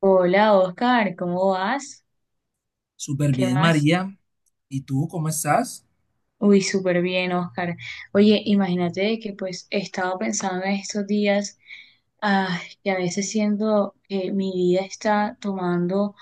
Hola Oscar, ¿cómo vas? Súper ¿Qué bien, más? María. ¿Y tú cómo estás? Uy, súper bien, Oscar. Oye, imagínate de que pues he estado pensando en estos días, ah, que a veces siento que mi vida está tomando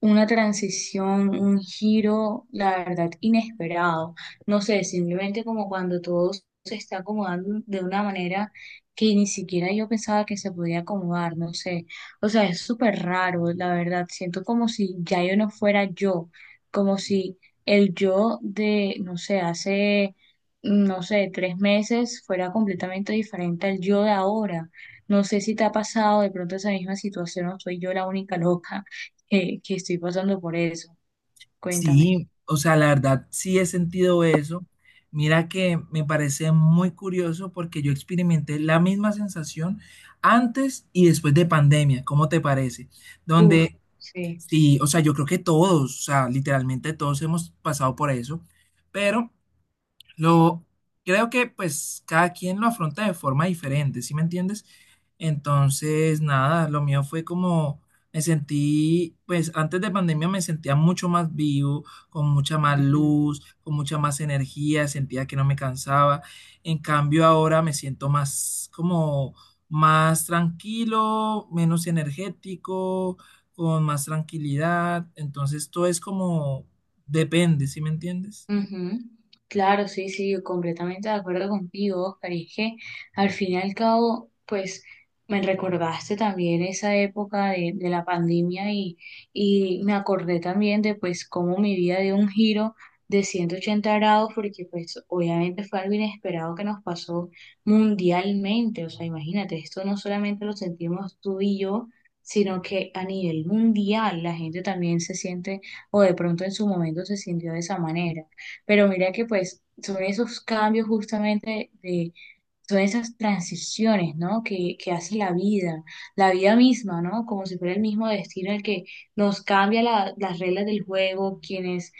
una transición, un giro, la verdad, inesperado. No sé, simplemente como cuando todo se está acomodando de una manera que ni siquiera yo pensaba que se podía acomodar, no sé. O sea, es súper raro, la verdad. Siento como si ya yo no fuera yo, como si el yo de, no sé, hace, no sé, tres meses fuera completamente diferente al yo de ahora. No sé si te ha pasado de pronto esa misma situación o soy yo la única loca que estoy pasando por eso. Cuéntame. Sí, o sea, la verdad, sí he sentido eso. Mira que me parece muy curioso porque yo experimenté la misma sensación antes y después de pandemia. ¿Cómo te parece? Uf, Donde, sí. sí, o sea, yo creo que todos, o sea, literalmente todos hemos pasado por eso, pero Lo, creo que pues cada quien lo afronta de forma diferente, ¿sí me entiendes? Entonces, nada, lo mío fue como me sentí, pues antes de pandemia me sentía mucho más vivo, con mucha más Ujú. luz, con mucha más energía, sentía que no me cansaba. En cambio, ahora me siento más como más tranquilo, menos energético, con más tranquilidad. Entonces, todo es como depende, ¿sí me entiendes? Ujú. Claro, sí, sí, completamente de acuerdo contigo, Oscar. Y es que al fin y al cabo, pues me recordaste también esa época de la pandemia y me acordé también de pues cómo mi vida dio un giro de 180 grados, porque pues obviamente fue algo inesperado que nos pasó mundialmente. O sea, imagínate, esto no solamente lo sentimos tú y yo, sino que a nivel mundial la gente también se siente o de pronto en su momento se sintió de esa manera. Pero mira que pues son esos cambios justamente de son esas transiciones, ¿no? Que hace la vida misma, ¿no? Como si fuera el mismo destino el que nos cambia las reglas del juego,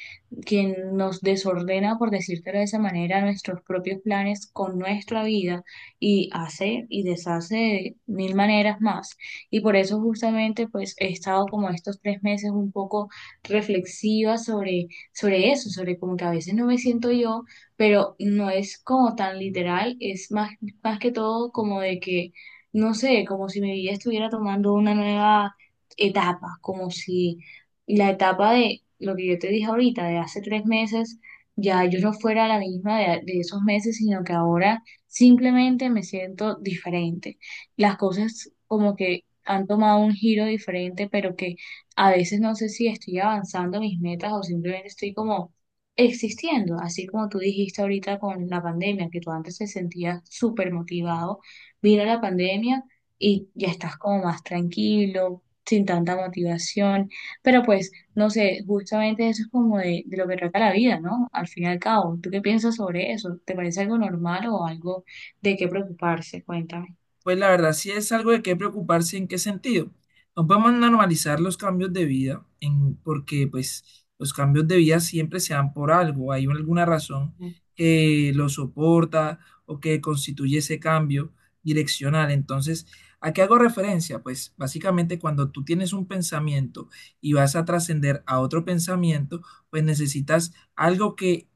quien nos desordena, por decírtelo de esa manera, nuestros propios planes con nuestra vida y hace y deshace de mil maneras más. Y por eso justamente, pues, he estado como estos 3 meses un poco reflexiva sobre eso, sobre como que a veces no me siento yo, pero no es como tan literal, es más que todo como de que, no sé, como si mi vida estuviera tomando una nueva etapa, como si la etapa de lo que yo te dije ahorita, de hace 3 meses, ya yo no fuera la misma de esos meses, sino que ahora simplemente me siento diferente. Las cosas como que han tomado un giro diferente, pero que a veces no sé si estoy avanzando mis metas o simplemente estoy como existiendo, así como tú dijiste ahorita con la pandemia, que tú antes te sentías súper motivado, vino la pandemia y ya estás como más tranquilo, sin tanta motivación, pero pues, no sé, justamente eso es como de lo que trata la vida, ¿no? Al fin y al cabo, ¿tú qué piensas sobre eso? ¿Te parece algo normal o algo de qué preocuparse? Cuéntame. Pues la verdad sí es algo de qué preocuparse, ¿en qué sentido? No podemos normalizar los cambios de vida, en, porque pues los cambios de vida siempre se dan por algo, hay alguna razón que lo soporta o que constituye ese cambio direccional. Entonces, ¿a qué hago referencia? Pues básicamente cuando tú tienes un pensamiento y vas a trascender a otro pensamiento, pues necesitas algo que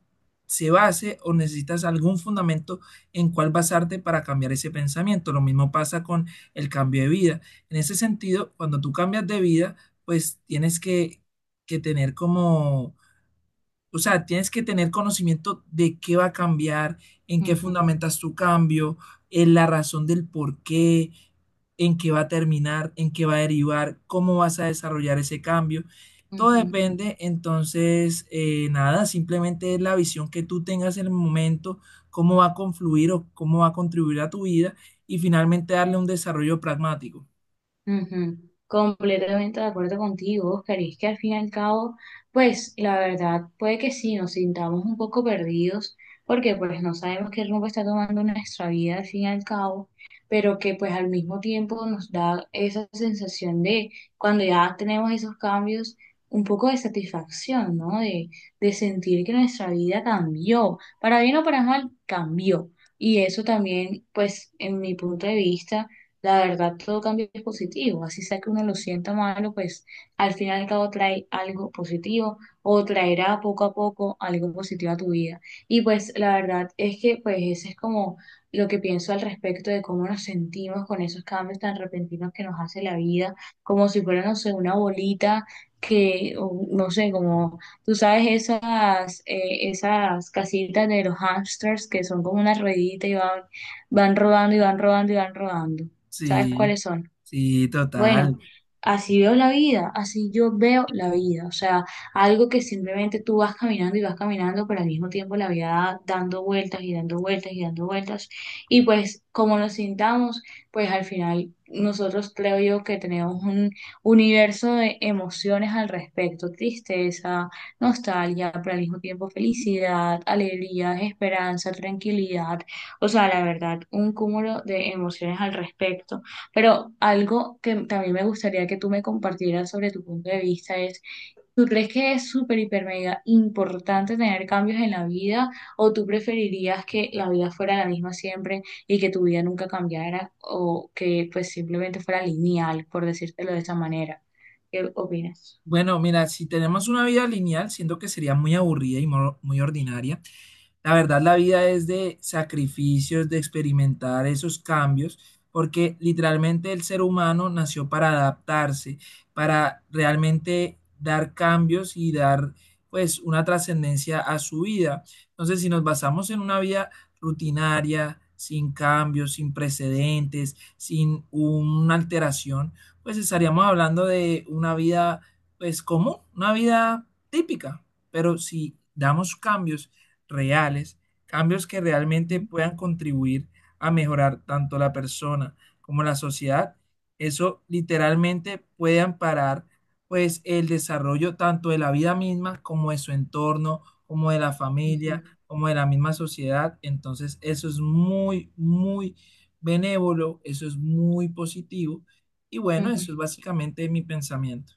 se base o necesitas algún fundamento en cuál basarte para cambiar ese pensamiento. Lo mismo pasa con el cambio de vida. En ese sentido, cuando tú cambias de vida, pues tienes que tener como o sea, tienes que tener conocimiento de qué va a cambiar, en qué Ujú, fundamentas tu cambio, en la razón del por qué, en qué va a terminar, en qué va a derivar, cómo vas a desarrollar ese cambio. Todo ujú. depende, entonces, nada, simplemente es la visión que tú tengas en el momento, cómo va a confluir o cómo va a contribuir a tu vida y finalmente darle un desarrollo pragmático. Ujú. Completamente de acuerdo contigo, Oscar. Y es que al fin y al cabo, pues la verdad puede que sí nos sintamos un poco perdidos, porque pues no sabemos qué rumbo está tomando nuestra vida al fin y al cabo, pero que pues al mismo tiempo nos da esa sensación de cuando ya tenemos esos cambios, un poco de satisfacción, ¿no? De sentir que nuestra vida cambió, para bien o para mal, cambió. Y eso también, pues en mi punto de vista la verdad, todo cambio es positivo, así sea que uno lo sienta malo, pues al final y al cabo trae algo positivo o traerá poco a poco algo positivo a tu vida. Y pues la verdad es que pues ese es como lo que pienso al respecto de cómo nos sentimos con esos cambios tan repentinos que nos hace la vida, como si fuera, no sé, una bolita que, o no sé, como tú sabes esas casitas de los hamsters que son como una ruedita y van, van rodando y van rodando y van rodando. ¿Sabes Sí, cuáles son? sí, Bueno, total. así veo la vida, así yo veo la vida. O sea, algo que simplemente tú vas caminando y vas caminando, pero al mismo tiempo la vida dando vueltas y dando vueltas y dando vueltas. Y pues como nos sintamos, pues al final nosotros creo yo que tenemos un universo de emociones al respecto, tristeza, nostalgia, pero al mismo tiempo felicidad, alegría, esperanza, tranquilidad. O sea, la verdad, un cúmulo de emociones al respecto, pero algo que también me gustaría que tú me compartieras sobre tu punto de vista es, ¿tú crees que es súper, hiper, mega importante tener cambios en la vida o tú preferirías que la vida fuera la misma siempre y que tu vida nunca cambiara o que pues simplemente fuera lineal, por decírtelo de esa manera? ¿Qué opinas? Bueno, mira, si tenemos una vida lineal, siento que sería muy aburrida y muy ordinaria. La verdad, la vida es de sacrificios, de experimentar esos cambios, porque literalmente el ser humano nació para adaptarse, para realmente dar cambios y dar pues una trascendencia a su vida. Entonces, si nos basamos en una vida rutinaria, sin cambios, sin precedentes, sin una alteración, pues estaríamos hablando de una vida pues común, una vida típica, pero si damos cambios, reales, cambios que Ujú, realmente puedan contribuir a mejorar tanto la persona como la sociedad, eso literalmente puede amparar pues el desarrollo tanto de la vida misma como de su entorno, como de la familia, ujú, como de la misma sociedad. Entonces, eso es muy, muy benévolo, eso es muy positivo. Y bueno, ujú. eso es básicamente mi pensamiento.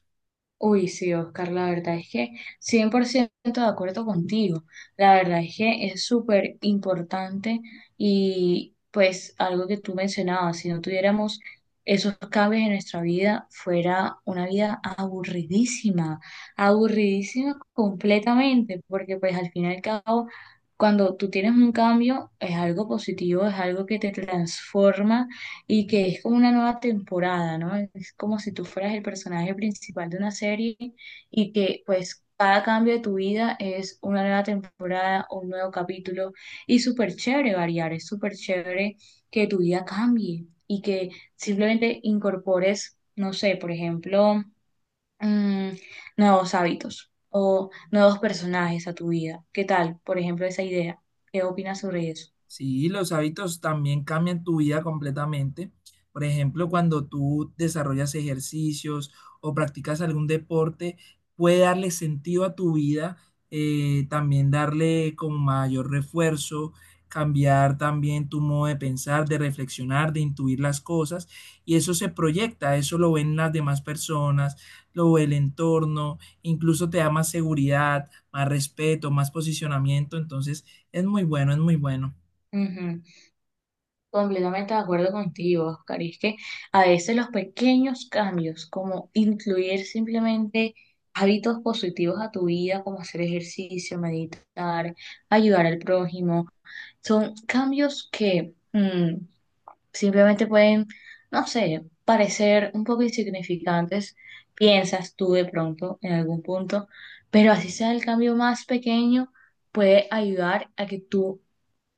Uy, sí, Oscar, la verdad es que 100% de acuerdo contigo. La verdad es que es súper importante y pues algo que tú mencionabas, si no tuviéramos esos cambios en nuestra vida, fuera una vida aburridísima, aburridísima completamente, porque pues al fin y al cabo, cuando tú tienes un cambio, es algo positivo, es algo que te transforma y que es como una nueva temporada, ¿no? Es como si tú fueras el personaje principal de una serie y que pues cada cambio de tu vida es una nueva temporada, un nuevo capítulo, y súper chévere variar, es súper chévere que tu vida cambie y que simplemente incorpores, no sé, por ejemplo, mm, nuevos hábitos o nuevos personajes a tu vida. ¿Qué tal? Por ejemplo, esa idea. ¿Qué opinas sobre eso? Sí, los hábitos también cambian tu vida completamente. Por ejemplo, cuando tú desarrollas ejercicios o practicas algún deporte, puede darle sentido a tu vida, también darle como mayor refuerzo, cambiar también tu modo de pensar, de reflexionar, de intuir las cosas. Y eso se proyecta, eso lo ven las demás personas, lo ve el entorno, incluso te da más seguridad, más respeto, más posicionamiento. Entonces, es muy bueno, es muy bueno. Ujú. Completamente de acuerdo contigo, Oscar. Y es que a veces los pequeños cambios, como incluir simplemente hábitos positivos a tu vida, como hacer ejercicio, meditar, ayudar al prójimo, son cambios que simplemente pueden, no sé, parecer un poco insignificantes, piensas tú de pronto en algún punto, pero así sea el cambio más pequeño, puede ayudar a que tú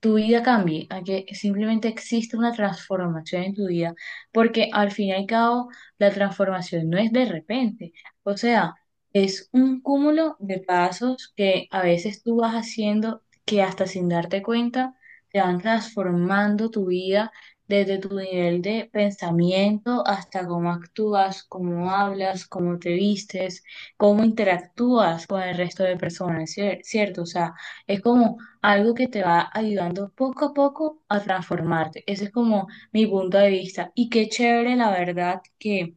tu vida cambie, a que simplemente exista una transformación en tu vida, porque al fin y al cabo la transformación no es de repente, o sea, es un cúmulo de pasos que a veces tú vas haciendo que hasta sin darte cuenta te van transformando tu vida, desde tu nivel de pensamiento hasta cómo actúas, cómo hablas, cómo te vistes, cómo interactúas con el resto de personas, ¿cierto? O sea, es como algo que te va ayudando poco a poco a transformarte. Ese es como mi punto de vista. Y qué chévere, la verdad, que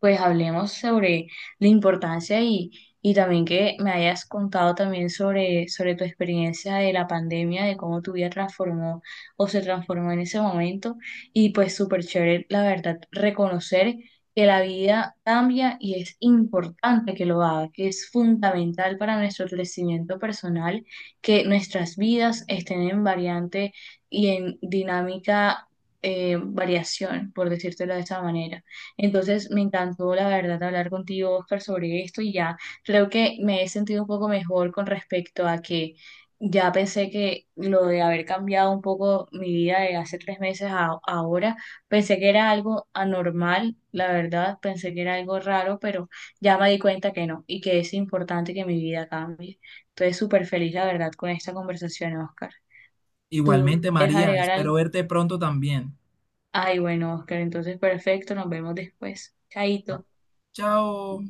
pues hablemos sobre la importancia y también que me hayas contado también sobre tu experiencia de la pandemia, de cómo tu vida transformó o se transformó en ese momento. Y pues súper chévere, la verdad, reconocer que la vida cambia y es importante que lo haga, que es fundamental para nuestro crecimiento personal, que nuestras vidas estén en variante y en dinámica variación, por decírtelo de esta manera. Entonces, me encantó, la verdad, hablar contigo, Oscar, sobre esto, y ya creo que me he sentido un poco mejor con respecto a que ya pensé que lo de haber cambiado un poco mi vida de hace 3 meses a ahora, pensé que era algo anormal, la verdad, pensé que era algo raro, pero ya me di cuenta que no y que es importante que mi vida cambie. Entonces, súper feliz, la verdad, con esta conversación, Oscar. ¿Tú Igualmente, quieres María, agregar espero algo? verte pronto también. Ay, bueno, Oscar, entonces perfecto, nos vemos después. Va. Chaito. Chao.